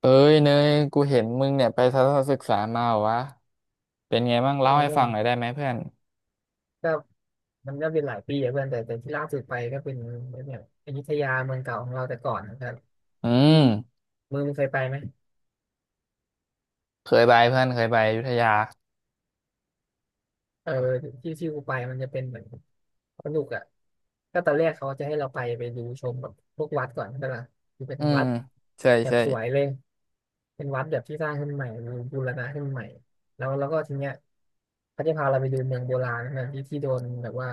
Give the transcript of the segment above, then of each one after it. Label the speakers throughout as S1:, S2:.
S1: เอ้ยเนยกูเห็นมึงเนี่ยไปทัศนศึกษามาเหรอวะเป็นไงบ้างเล่าให้ฟังหน่อยได้ไหมเพื่อน
S2: ก็มันก็เป็นหลายปีอะเพื่อนแต่ที่ล่าสุดไปก็เป็นเนี่ยอยุธยาเมืองเก่าของเราแต่ก่อนนะครับ
S1: อืม
S2: มึงเคยไปไหม
S1: เคยไปเพื่อนเคยไปอยุธยา
S2: เออที่ที่กูไปมันจะเป็นเหมือนสนุกอ่ะก็ตอนแรกเขาจะให้เราไปดูชมแบบพวกวัดก่อนใช่ปะคือเป็น
S1: อืม
S2: วัด
S1: ใช่
S2: แบบ
S1: ใช่
S2: สวยเลยเป็นวัดแบบที่สร้างขึ้นใหม่บูรณะขึ้นใหม่แล้วก็ทีเนี้ยเขาจะพาเราไปดูเมืองโบราณนะที่ที่โดนแบบว่า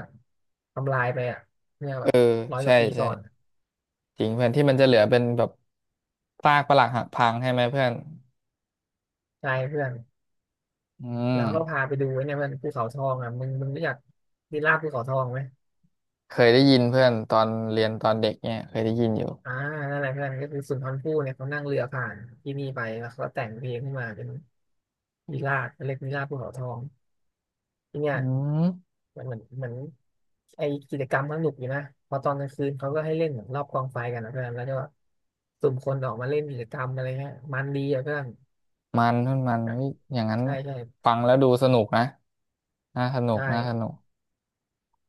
S2: ทำลายไปอ่ะเนี่ย
S1: เอ
S2: แบ
S1: อ
S2: บร้อยก
S1: ใช่
S2: ว่าปี
S1: ใช่
S2: ก่อน
S1: จริงเพื่อนที่มันจะเหลือเป็นแบบซากปรักหักพังใช่ไหมเพื่อน
S2: ใช่เพื่อน
S1: อื
S2: แล้
S1: ม
S2: วก็พาไปดูไอ้เนี่ยมันภูเขาทองอ่ะมึงรู้จักวิลล่าภูเขาทองไหม
S1: เคยได้ยินเพื่อนตอนเรียนตอนเด็กเนี่ยเคยได้ยินอยู่
S2: อ่านั่นแหละเพื่อนก็คือสุนทรภู่เนี่ยเขานั่งเรือผ่านที่นี่ไปแล้วเขาก็แต่งเพลงขึ้นมาเป็นวิลล่าเรียกวิลล่าภูเขาทองที่เนี่ย
S1: อืม
S2: มันเหมือนไอกิจกรรมมันสนุกอยู่นะพอตอนกลางคืนเขาก็ให้เล่นเหมือนรอบกองไฟกันนะเพื่อนแล้วก็สุ่มคนออกมาเล่นกิจกรรมอะไรเงี้ยมันดีอ่ะเพื่อน
S1: มันเพื่อนมัน
S2: ใช
S1: เฮ้ยอย่างนั้น
S2: ่ใช่
S1: ฟังแล้วดูสนุกนะน่าสนุก
S2: ใช่
S1: น่าสนุก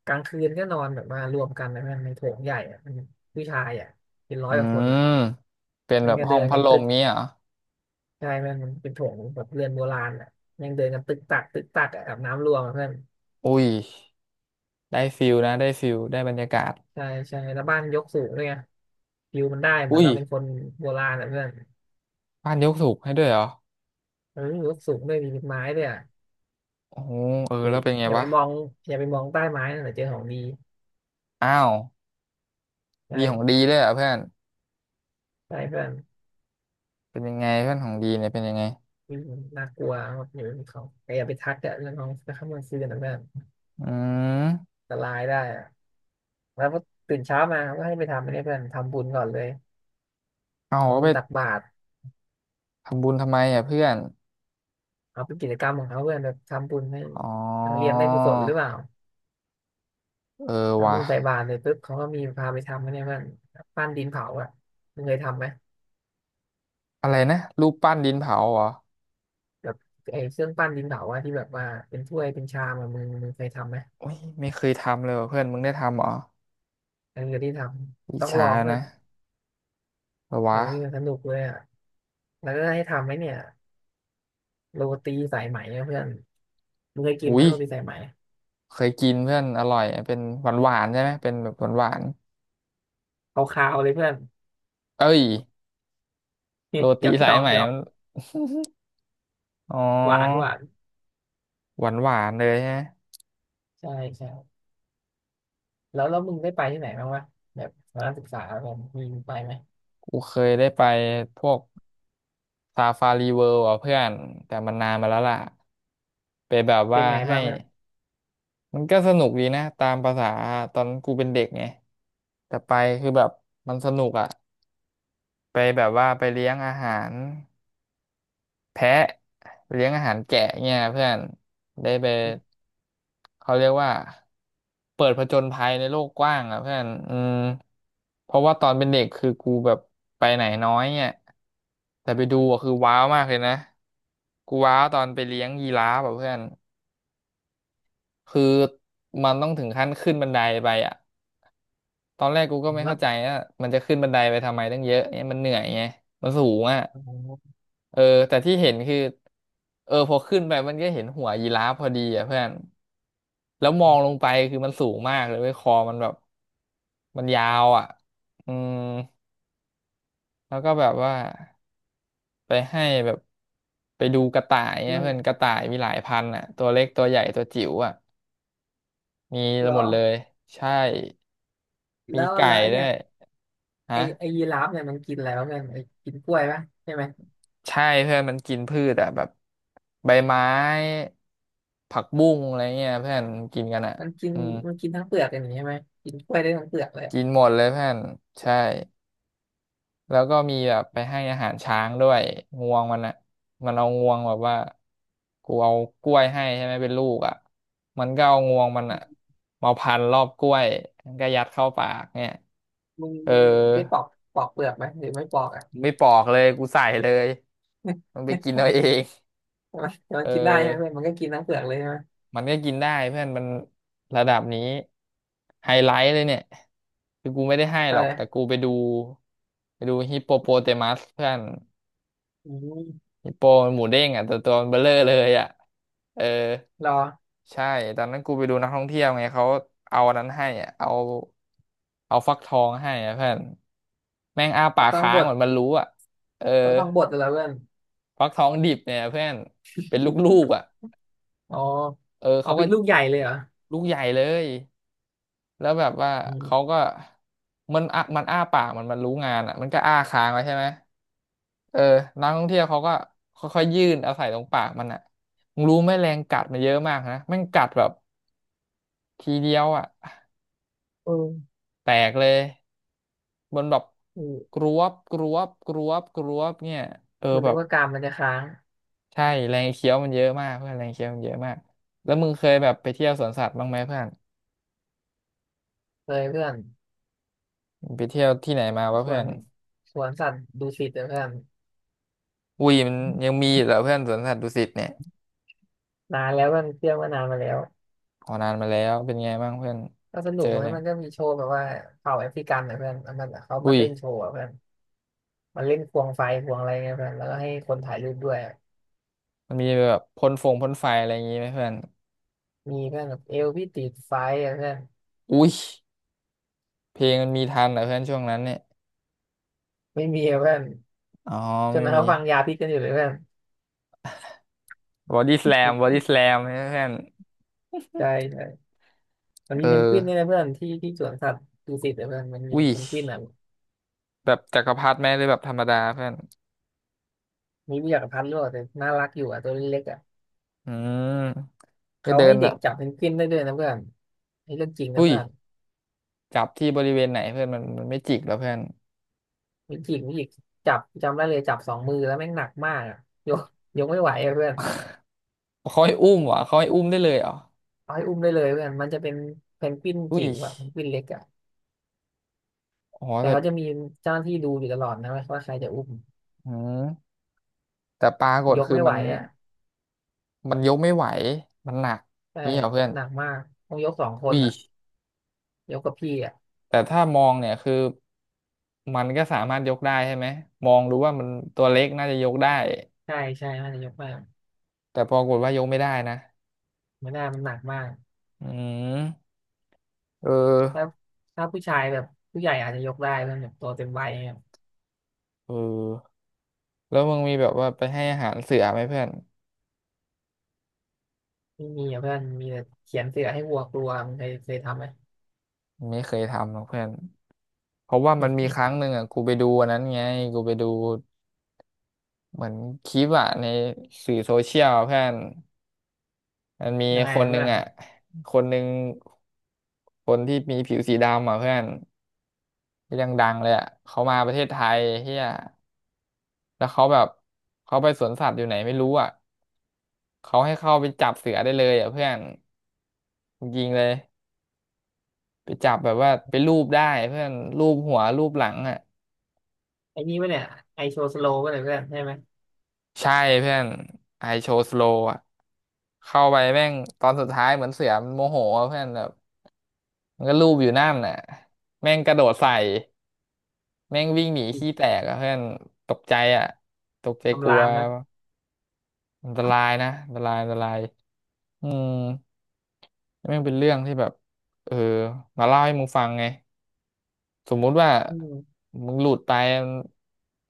S2: กลางคืนก็นอนแบบมารวมกันนะเพื่อนในโถงใหญ่อะผู้ชายอ่ะเป็นร้อ
S1: อื
S2: ยกว่าคน
S1: ม
S2: อะ
S1: เป็น
S2: มั
S1: แบ
S2: น
S1: บ
S2: ก็
S1: ห้อ
S2: เดิ
S1: ง
S2: น
S1: พัด
S2: กัน
S1: ล
S2: ตึ
S1: ม
S2: ก
S1: นี้เหรอ
S2: ใช่ไหมนมันเป็นโถงแบบเรือนโบราณอ่ะยังเดินกันตึกตักตึกตักอะอาบน้ำรวมอะเพื่อน
S1: อุ้ยได้ฟิลนะได้ฟิลได้บรรยากาศ
S2: ใช่ใช่แล้วบ้านยกสูงด้วยไงวิวมันได้เหมือน
S1: อุ้ย
S2: เราเป็นคนโบราณอ่ะเพื่อน
S1: บ้านยกสูบให้ด้วยเหรอ
S2: เออยกสูงด้วยมีเป็นไม้ด้วยอะ
S1: โอ้โหเออ
S2: อย่า
S1: แล้วเป็นไง
S2: อย่าไป
S1: วะ
S2: มองอย่าไปมองใต้ไม้นะเดี๋ยวเจอของดี
S1: อ้าว
S2: ใช่
S1: ดีของดีด้วยเหรอเพื่อน
S2: ใช่เพื่อน
S1: เป็นยังไงเพื่อนของดีเนี่ยเป็นยังไง
S2: อืมนน่ากลัวครับอยู่บนเขาแต่อย่าไปทักอะเรื่องของข้ามกลางคืนนะเพื่อน
S1: อืม
S2: อันตรายได้อะแล้วพอตื่นเช้ามาก็ให้ไปทำอันนี้เพื่อนทำบุญก่อนเลย
S1: เอา
S2: ทำ
S1: เขา
S2: บุ
S1: ไป
S2: ญตักบาตร
S1: ทำบุญทำไมอ่ะเพื่อน
S2: เอาเป็นกิจกรรมของเขาเพื่อนแบบทำบุญให้
S1: อ๋อ
S2: นักเรียนได้กุศลหรือเปล่า
S1: เออ
S2: ทำ
S1: วะ
S2: บุญใส่บาตรเลยปุ๊บเขาก็มีพาไปทำนะเนี่ยเพื่อนปั้นดินเผาอ่ะมึงเคยทำไหม
S1: อะไรนะรูปปั้นดินเผาเหรอ
S2: แบบไอ้เครื่องปั้นดินเผาอ่ะที่แบบว่าเป็นถ้วยเป็นชามอะมึงเคยทำไหม
S1: โอุ้ยไม่เคยทำเลยว่ะเพื่อนมึงได้ทำเหรอ
S2: อันนี้ที่ท
S1: อิ
S2: ำ
S1: จ
S2: ต้องล
S1: ฉา
S2: องเพื่อ
S1: นะ
S2: น
S1: เออ
S2: เอ
S1: วะ
S2: อสนุกเลยอ่ะแล้วก็ให้ทำไหมเนี่ยโรตีสายไหมนะเพื่อนมึงเคยกินไหม
S1: อุ้ย
S2: โรตีสายไหม
S1: เคยกินเพื่อนอร่อยเป็นหวานหวานใช่ไหมเป็นแบบหวานหวาน
S2: ขาวๆเลยเพื่อน
S1: เอ้ย โร
S2: หย
S1: ตี
S2: อกห
S1: สา
S2: ย
S1: ย
S2: อก
S1: ไหม
S2: หยอก
S1: มัน อ๋อ
S2: หวานหวาน
S1: หวานหวานเลยฮะ
S2: ใช่ใช่แล้วมึงได้ไปที่ไหนบ้างวะแบบตอนนักศึกษาแบบมีไปไหม
S1: กูเคยได้ไปพวกซาฟารีเวิลด์อ่ะเพื่อนแต่มันนานมาแล้วล่ะไปแบบ
S2: เป็
S1: ว่า
S2: นไง
S1: ให้
S2: บ้างเนี่ย
S1: มันก็สนุกดีนะตามภาษาตอนกูเป็นเด็กไงแต่ไปคือแบบมันสนุกอ่ะไปแบบว่าไปเลี้ยงอาหาร แพะเลี้ยงอาหารแกะเนี่ยเพื่อนได้ไปเขาเรียกว่าเปิดผจญภัยในโลกกว้างอ่ะเพื่อนอืมเพราะว่าตอนเป็นเด็กคือกูแบบไปไหนน้อยเนี่ยแต่ไปดูอะคือว้าวมากเลยนะกูว้าวตอนไปเลี้ยงยีราฟอ่ะเพื่อนคือมันต้องถึงขั้นขึ้นบันไดไปอ่ะตอนแรกกูก็ไม่
S2: รั
S1: เข้า
S2: บ
S1: ใจว่ามันจะขึ้นบันไดไปทำไมตั้งเยอะเนี่ยมันเหนื่อยไงมันสูงอ่ะ
S2: อ๋อ
S1: เออแต่ที่เห็นคือเออพอขึ้นไปมันก็เห็นหัวยีราฟพอดีอ่ะเพื่อนแล้วมองลงไปคือมันสูงมากเลยเว้ยคอมันแบบมันยาวอ่ะอืมแล้วก็แบบว่าไปให้แบบไปดูกระต่ายเนี่
S2: เพื่
S1: ย
S2: อน
S1: เพื่อนกระต่ายมีหลายพันอ่ะตัวเล็กตัวใหญ่ตัวจิ๋วอ่ะมี
S2: รอ
S1: หมดเลยใช่มี
S2: แล้ว
S1: ไก่
S2: แล้วไอ้
S1: ด้ว
S2: เนี่ย
S1: ย
S2: ไอ
S1: ฮะ
S2: ไอยีราฟเนี่ยมันกินอะไรบ้างเนี่ยไอกินกล้วยปะใช่ไหม
S1: ใช่เพื่อนมันกินพืชอะแบบใบไม้ผักบุ้งอะไรเงี้ยเพื่อนกินกันอะ
S2: มันกิน
S1: อืม
S2: มันกินทั้งเปลือกอย่างนี้ใช่ไหมกินกล้วยได้ทั้งเปลือกเลย
S1: กินหมดเลยเพื่อนใช่แล้วก็มีแบบไปให้อาหารช้างด้วยงวงมันอะมันเอางวงแบบว่ากูเอากล้วยให้ใช่ไหมเป็นลูกอะมันก็เอางวงมันอะมาพันรอบกล้วยมันก็ยัดเข้าปากเนี่ย
S2: มึง
S1: เออ
S2: มึงได้ปอกปอกเปลือกไหมหรือไม่ปอกอ่ะ
S1: ไม่ปอกเลยกูใส่เลยมัน ไป
S2: แต่
S1: กินเอาเอง
S2: ไหมัแต่ มั
S1: เอ
S2: น
S1: อ
S2: กินได้ใช่ไหมเพื่อนมันก็กินทั้งเปลือกเลยใช่ไหม
S1: มันก็กินได้เพื่อนระดับนี้ไฮไลท์เลยเนี่ยคือกูไม่ได้ให้
S2: เอ
S1: หรอกแต่กู
S2: อ
S1: ไปดูไปดูฮิปโปโปเตมัสเพื่อน
S2: อืม
S1: ฮิปโปมันหมูเด้งอ่ะตัวมันเบลอเลยอ่ะเออ
S2: รอ
S1: ใช่ตอนนั้นกูไปดูนักท่องเที่ยวไงเขาเอาอันนั้นให้อะเอาฟักทองให้อะเพื่อนแม่งอ้าปา
S2: ก็
S1: ก
S2: ต้อง
S1: ค้า
S2: บ
S1: ง
S2: ด
S1: เหมือนมันรู้อ่ะเออ
S2: ก็ต้องบดแล้วเพื่อน
S1: ฟักทองดิบเนี่ยเพื่อนเป็นลูกๆอ่ะ
S2: อ๋อ
S1: เออ
S2: อ๋อ
S1: เขาก็
S2: เป็นลูกใหญ่เลยเหรอ
S1: ลูกใหญ่เลย แล้วแบบว่า
S2: อื
S1: เขา
S2: ม
S1: ก็มันอ่ะมันอ้าปากมันรู้งานอ่ะมันก็อ้าค้างไว้ใช่ไหมเออนักท่องเที่ยวเขาก็ค่อยๆยื่นเอาใส่ตรงปากมันอ่ะมึงรู้ไหมแรงกัดมันเยอะมากนะแม่งกัดแบบทีเดียวอ่ะ
S2: เออ
S1: แตกเลยบนแบบก
S2: เออ
S1: รวบกรวบกรวบกรวบเนี่ยเออ
S2: คุณ
S1: แบ
S2: นึก
S1: บ
S2: ว่ากามมันจะค้าง
S1: ใช่แรงเคี้ยวมันเยอะมากเพื่อนแรงเคี้ยวมันเยอะมากแล้วมึงเคยแบบไปเที่ยวสวนสัตว์บ้างไหมเพื่อน
S2: เลยเพื่อน
S1: มึงไปเที่ยวที่ไหนมาวะ
S2: สว
S1: เพื่อ
S2: น
S1: น
S2: สวนสัตว์ดุสิตนะเพื่อน
S1: อุ้ยมันยังมีอยู่เหรอเพื่อนสวนสัตว์ดุสิตเนี่ย
S2: นานแล้วมันเที่ยวมานานมาแล้ว
S1: อ๋อนานมาแล้วเป็นไงบ้างเพื่อน
S2: ก็สนุ
S1: เจ
S2: ก
S1: ออะ
S2: นะ
S1: ไร
S2: มันก็มีโชว์แบบว่าเผ่าแอฟริกันนะเพื่อนแล้วมันเขามา
S1: อุ้ย
S2: เต้นโชว์อะเพื่อนมันเล่นควงไฟควงอะไรเงี้ยเพื่อนแล้วก็ให้คนถ่ายรูปด้วยอะ
S1: มันมีแบบพ่นฟงพ่นไฟอะไรอย่างงี้ไหมเพื่อน
S2: มีเพื่อนแบบเอวพี่ติดไฟอะเพื่อน
S1: อุ้ยเพลงมันมีทันเหรอเพื่อนช่วงนั้นเนี่ย
S2: ไม่มีอะเพื่อน
S1: อ๋อ
S2: จ
S1: ไม่
S2: น
S1: มี
S2: เขาฟังยาพิษกันอยู่เลยเพื่อน
S1: บอดี้ส a ลมบอดี้ส a ลมเพื่อน
S2: ใช่ใช่มัน
S1: เอ
S2: มี
S1: อ
S2: เพนกวินนี่นะเพื่อนที่ที่สวนสัตว์ดุสิตนะเพื่อนมันมี
S1: อุ้ย
S2: เพนกวินอ่ะ
S1: แบบจักรพรรดิไหมหรือแบบธรรมดาเพื่อน
S2: มีวิทยากรพันธุ์ด้วยแต่น่ารักอยู่อ่ะตัวเล็กๆอ่ะ
S1: อืมก็
S2: เขา
S1: เดิ
S2: ให้
S1: นแบ
S2: เด็ก
S1: บ
S2: จับเพนกวินได้ด้วยนะเพื่อนนี่เรื่องจริงนะ
S1: อุ้ย
S2: เพื่อน
S1: จับที่บริเวณไหนเพื่อนมันไม่จิกแล้วเพื่อน
S2: มีจิกมีจิกจับจำได้เลยจับสองมือแล้วแม่งหนักมากอ่ะยกยกไม่ไหวอะเพื่อน
S1: เขาให้อุ้มเหรอเขาให้อุ้มได้เลยเหรอ
S2: เอาให้อุ้มได้เลยเพื่อนมันจะเป็นเพนกวิน
S1: อุ้
S2: จิ๋
S1: ย
S2: วอ่ะเพนกวินเล็กอ่ะ
S1: อ๋อ
S2: แต่
S1: แต่
S2: เขาจะมีเจ้าหน้าที่ดูอยู่ตลอดนะว่าใครจะอุ้ม
S1: อืมแต่ปรากฏ
S2: ยก
S1: คือ
S2: ไม่ไห
S1: มั
S2: ว
S1: น
S2: อ่ะ
S1: มันยกไม่ไหว มันหนัก
S2: ใช่
S1: นี่เหรอเพื่อน
S2: หนักมากต้องยกสองคน
S1: อุ้ย
S2: อ่ะยกกับพี่อ่ะ
S1: แต่ถ้ามองเนี่ยคือมันก็สามารถยกได้ใช่ไหมมองรู้ว่ามันตัวเล็กน่าจะยกได้
S2: ใช่ใช่น่าจะยกมาก
S1: แต่ปรากฏว่ายกไม่ได้นะ
S2: ไม่ได้มันหนักมาก
S1: อืมเออ
S2: ถ้าถ้าผู้ชายแบบผู้ใหญ่อาจจะยกได้เพื่อนแบบตัวเต็มวัยเนี่ย
S1: เออแล้วมึงมีแบบว่าไปให้อาหารเสือไหมเพื่อน
S2: ไม่มีอ่ะเพื่อนมีแต่เขียนเสือให้วัวกลัวมันเคยทำไหม
S1: ไม่เคยทำหรอกเพื่อนเพราะว่ามันมีครั้งหนึ่งอ่ะกูไปดูอันนั้นไงกูไปดูเหมือนคลิปอ่ะในสื่อโซเชียลอะเพื่อน มันมี
S2: ยังไง
S1: คน
S2: อะ
S1: หนึ่
S2: เพื่
S1: ง
S2: อน
S1: อ่ะคนหนึ่งคนที่มีผิวสีดำอ่ะเพื่อนก็ยี่ดังๆเลยอ่ะเขามาประเทศไทยเฮียแล้วเขาแบบเขาไปสวนสัตว์อยู่ไหนไม่รู้อ่ะเขาให้เข้าไปจับเสือได้เลยอ่ะเพื่อนยิงเลยไปจับแบบว่าไปรูปได้เพื่อนรูปหัวรูปหลังอ่ะ
S2: ไอ้นี่ปะเนี่ยไอโชว์สโลว์ปะเนี่ยเพื่อนใช่ไหม
S1: ใช่เพื่อนไอโชว์สโลอ่ะเข้าไปแม่งตอนสุดท้ายเหมือนเสือมันโมโหอ่ะเพื่อนแบบมันก็ลูบอยู่นั่นน่ะแม่งกระโดดใส่ แม่งวิ่งหนีขี้แตกอะเพื่อนตกใจอะตกใจก
S2: คำ
S1: ลั
S2: รา
S1: ว
S2: มนะ
S1: อันตรายนะอันตรายอืมแม่งเป็นเรื่องที่แบบเออมาเล่าให้มึงฟังไงสมมุติว่า
S2: อืม
S1: มึงหลุดไป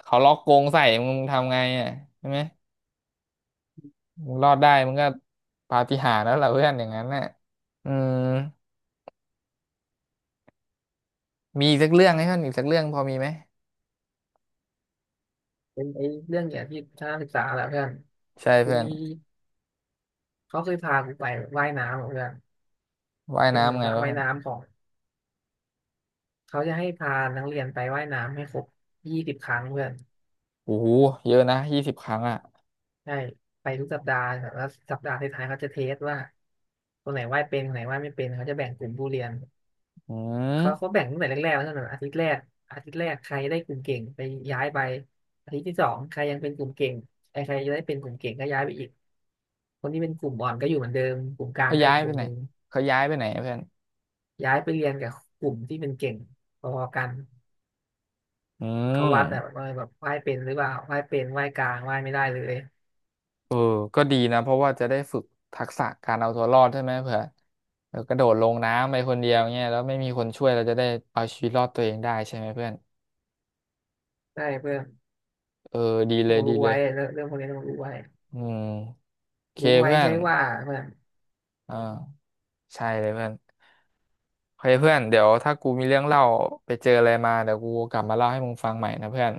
S1: เขาล็อกกรงใส่มึงทำไงอ่ะใช่ไหมมึงรอดได้มึงก็ปาฏิหาริย์แล้วล่ะเพื่อนอย่างนั้นน่ะอืมมีอีกสักเรื่องไหมเพื่อนอีกสักเรื่องพอมีไหม
S2: เป็นไอ้เรื่องเนี่ยที่ชนะศึกษาแหละเพื่อน
S1: ใช่
S2: กู
S1: เพื่อน
S2: มีเขาเคยพากูไปว่ายน้ำอะเพื่อน
S1: ว่าย
S2: เป็น
S1: น้ำไง
S2: สระ
S1: วะ
S2: ว่าย
S1: เพื่อน
S2: น้ำของเขาจะให้พานักเรียนไปว่ายน้ำให้ครบ20 ครั้งเพื่อน
S1: โอ้โหเยอะนะ20 ครั้งอ่ะ
S2: ใช่ไปทุกสัปดาห์แต่ละสัปดาห์ท้ายๆเขาจะเทสว่าคนไหนว่ายเป็นคนไหนว่ายไม่เป็นเขาจะแบ่งกลุ่มผู้เรียน
S1: อื
S2: เขา
S1: ม
S2: แบ่งตั้งแต่แรกๆแล้วนะอาทิตย์แรกอาทิตย์แรกใครได้กลุ่มเก่งไปย้ายไปอาทิตย์ที่สองใครยังเป็นกลุ่มเก่งไอ้ใครจะได้เป็นกลุ่มเก่งก็ย้ายไปอีก คนที่เป็นกลุ่มอ่อนก็อยู่เหมือนเดิมกลุ่มกลาง
S1: เขา
S2: ก็
S1: ย้า
S2: อี
S1: ย
S2: กก
S1: ไป
S2: ลุ่ม
S1: ไหน
S2: หนึ่ง
S1: เขาย้ายไปไหนอะเพื่อน
S2: ย้ายไปเรียนกับกลุ่มที่เป็นเก่งพอๆกัน
S1: อื
S2: เขาวัดแบบ
S1: ม
S2: ว่าแบบไหว้เป็นหรือเปล่าไหว้เป็นไหว้กลางไหว้ไม่ได้เลย
S1: เออก็ดีนะเพราะว่าจะได้ฝึกทักษะการเอาตัวรอดใช่ไหมเผื่อเออกระโดดลงน้ำไปคนเดียวเงี้ยแล้วไม่มีคนช่วยเราจะได้เอาชีวิตรอดตัวเองได้ใช่ไหมเพื่อน
S2: ได้เพื่อน
S1: เออดีเล
S2: ต้อง
S1: ยดี
S2: รู้
S1: เล
S2: ไว้
S1: ย
S2: เรื่องเรื่องพวกนี้ต้องรู้ไว้
S1: อืมโอเค
S2: รู้ไว้
S1: เพื่อ
S2: ใช่
S1: น
S2: ว่าเพื่อน
S1: อ่าใช่เลยเพื่อนโอเคเพื่อนเดี๋ยวถ้ากูมีเรื่องเล่าไปเจออะไรมาเดี๋ยวกูกลับมาเล่าให้มึงฟังใหม่นะเพื่อน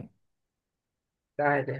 S2: ได้เลย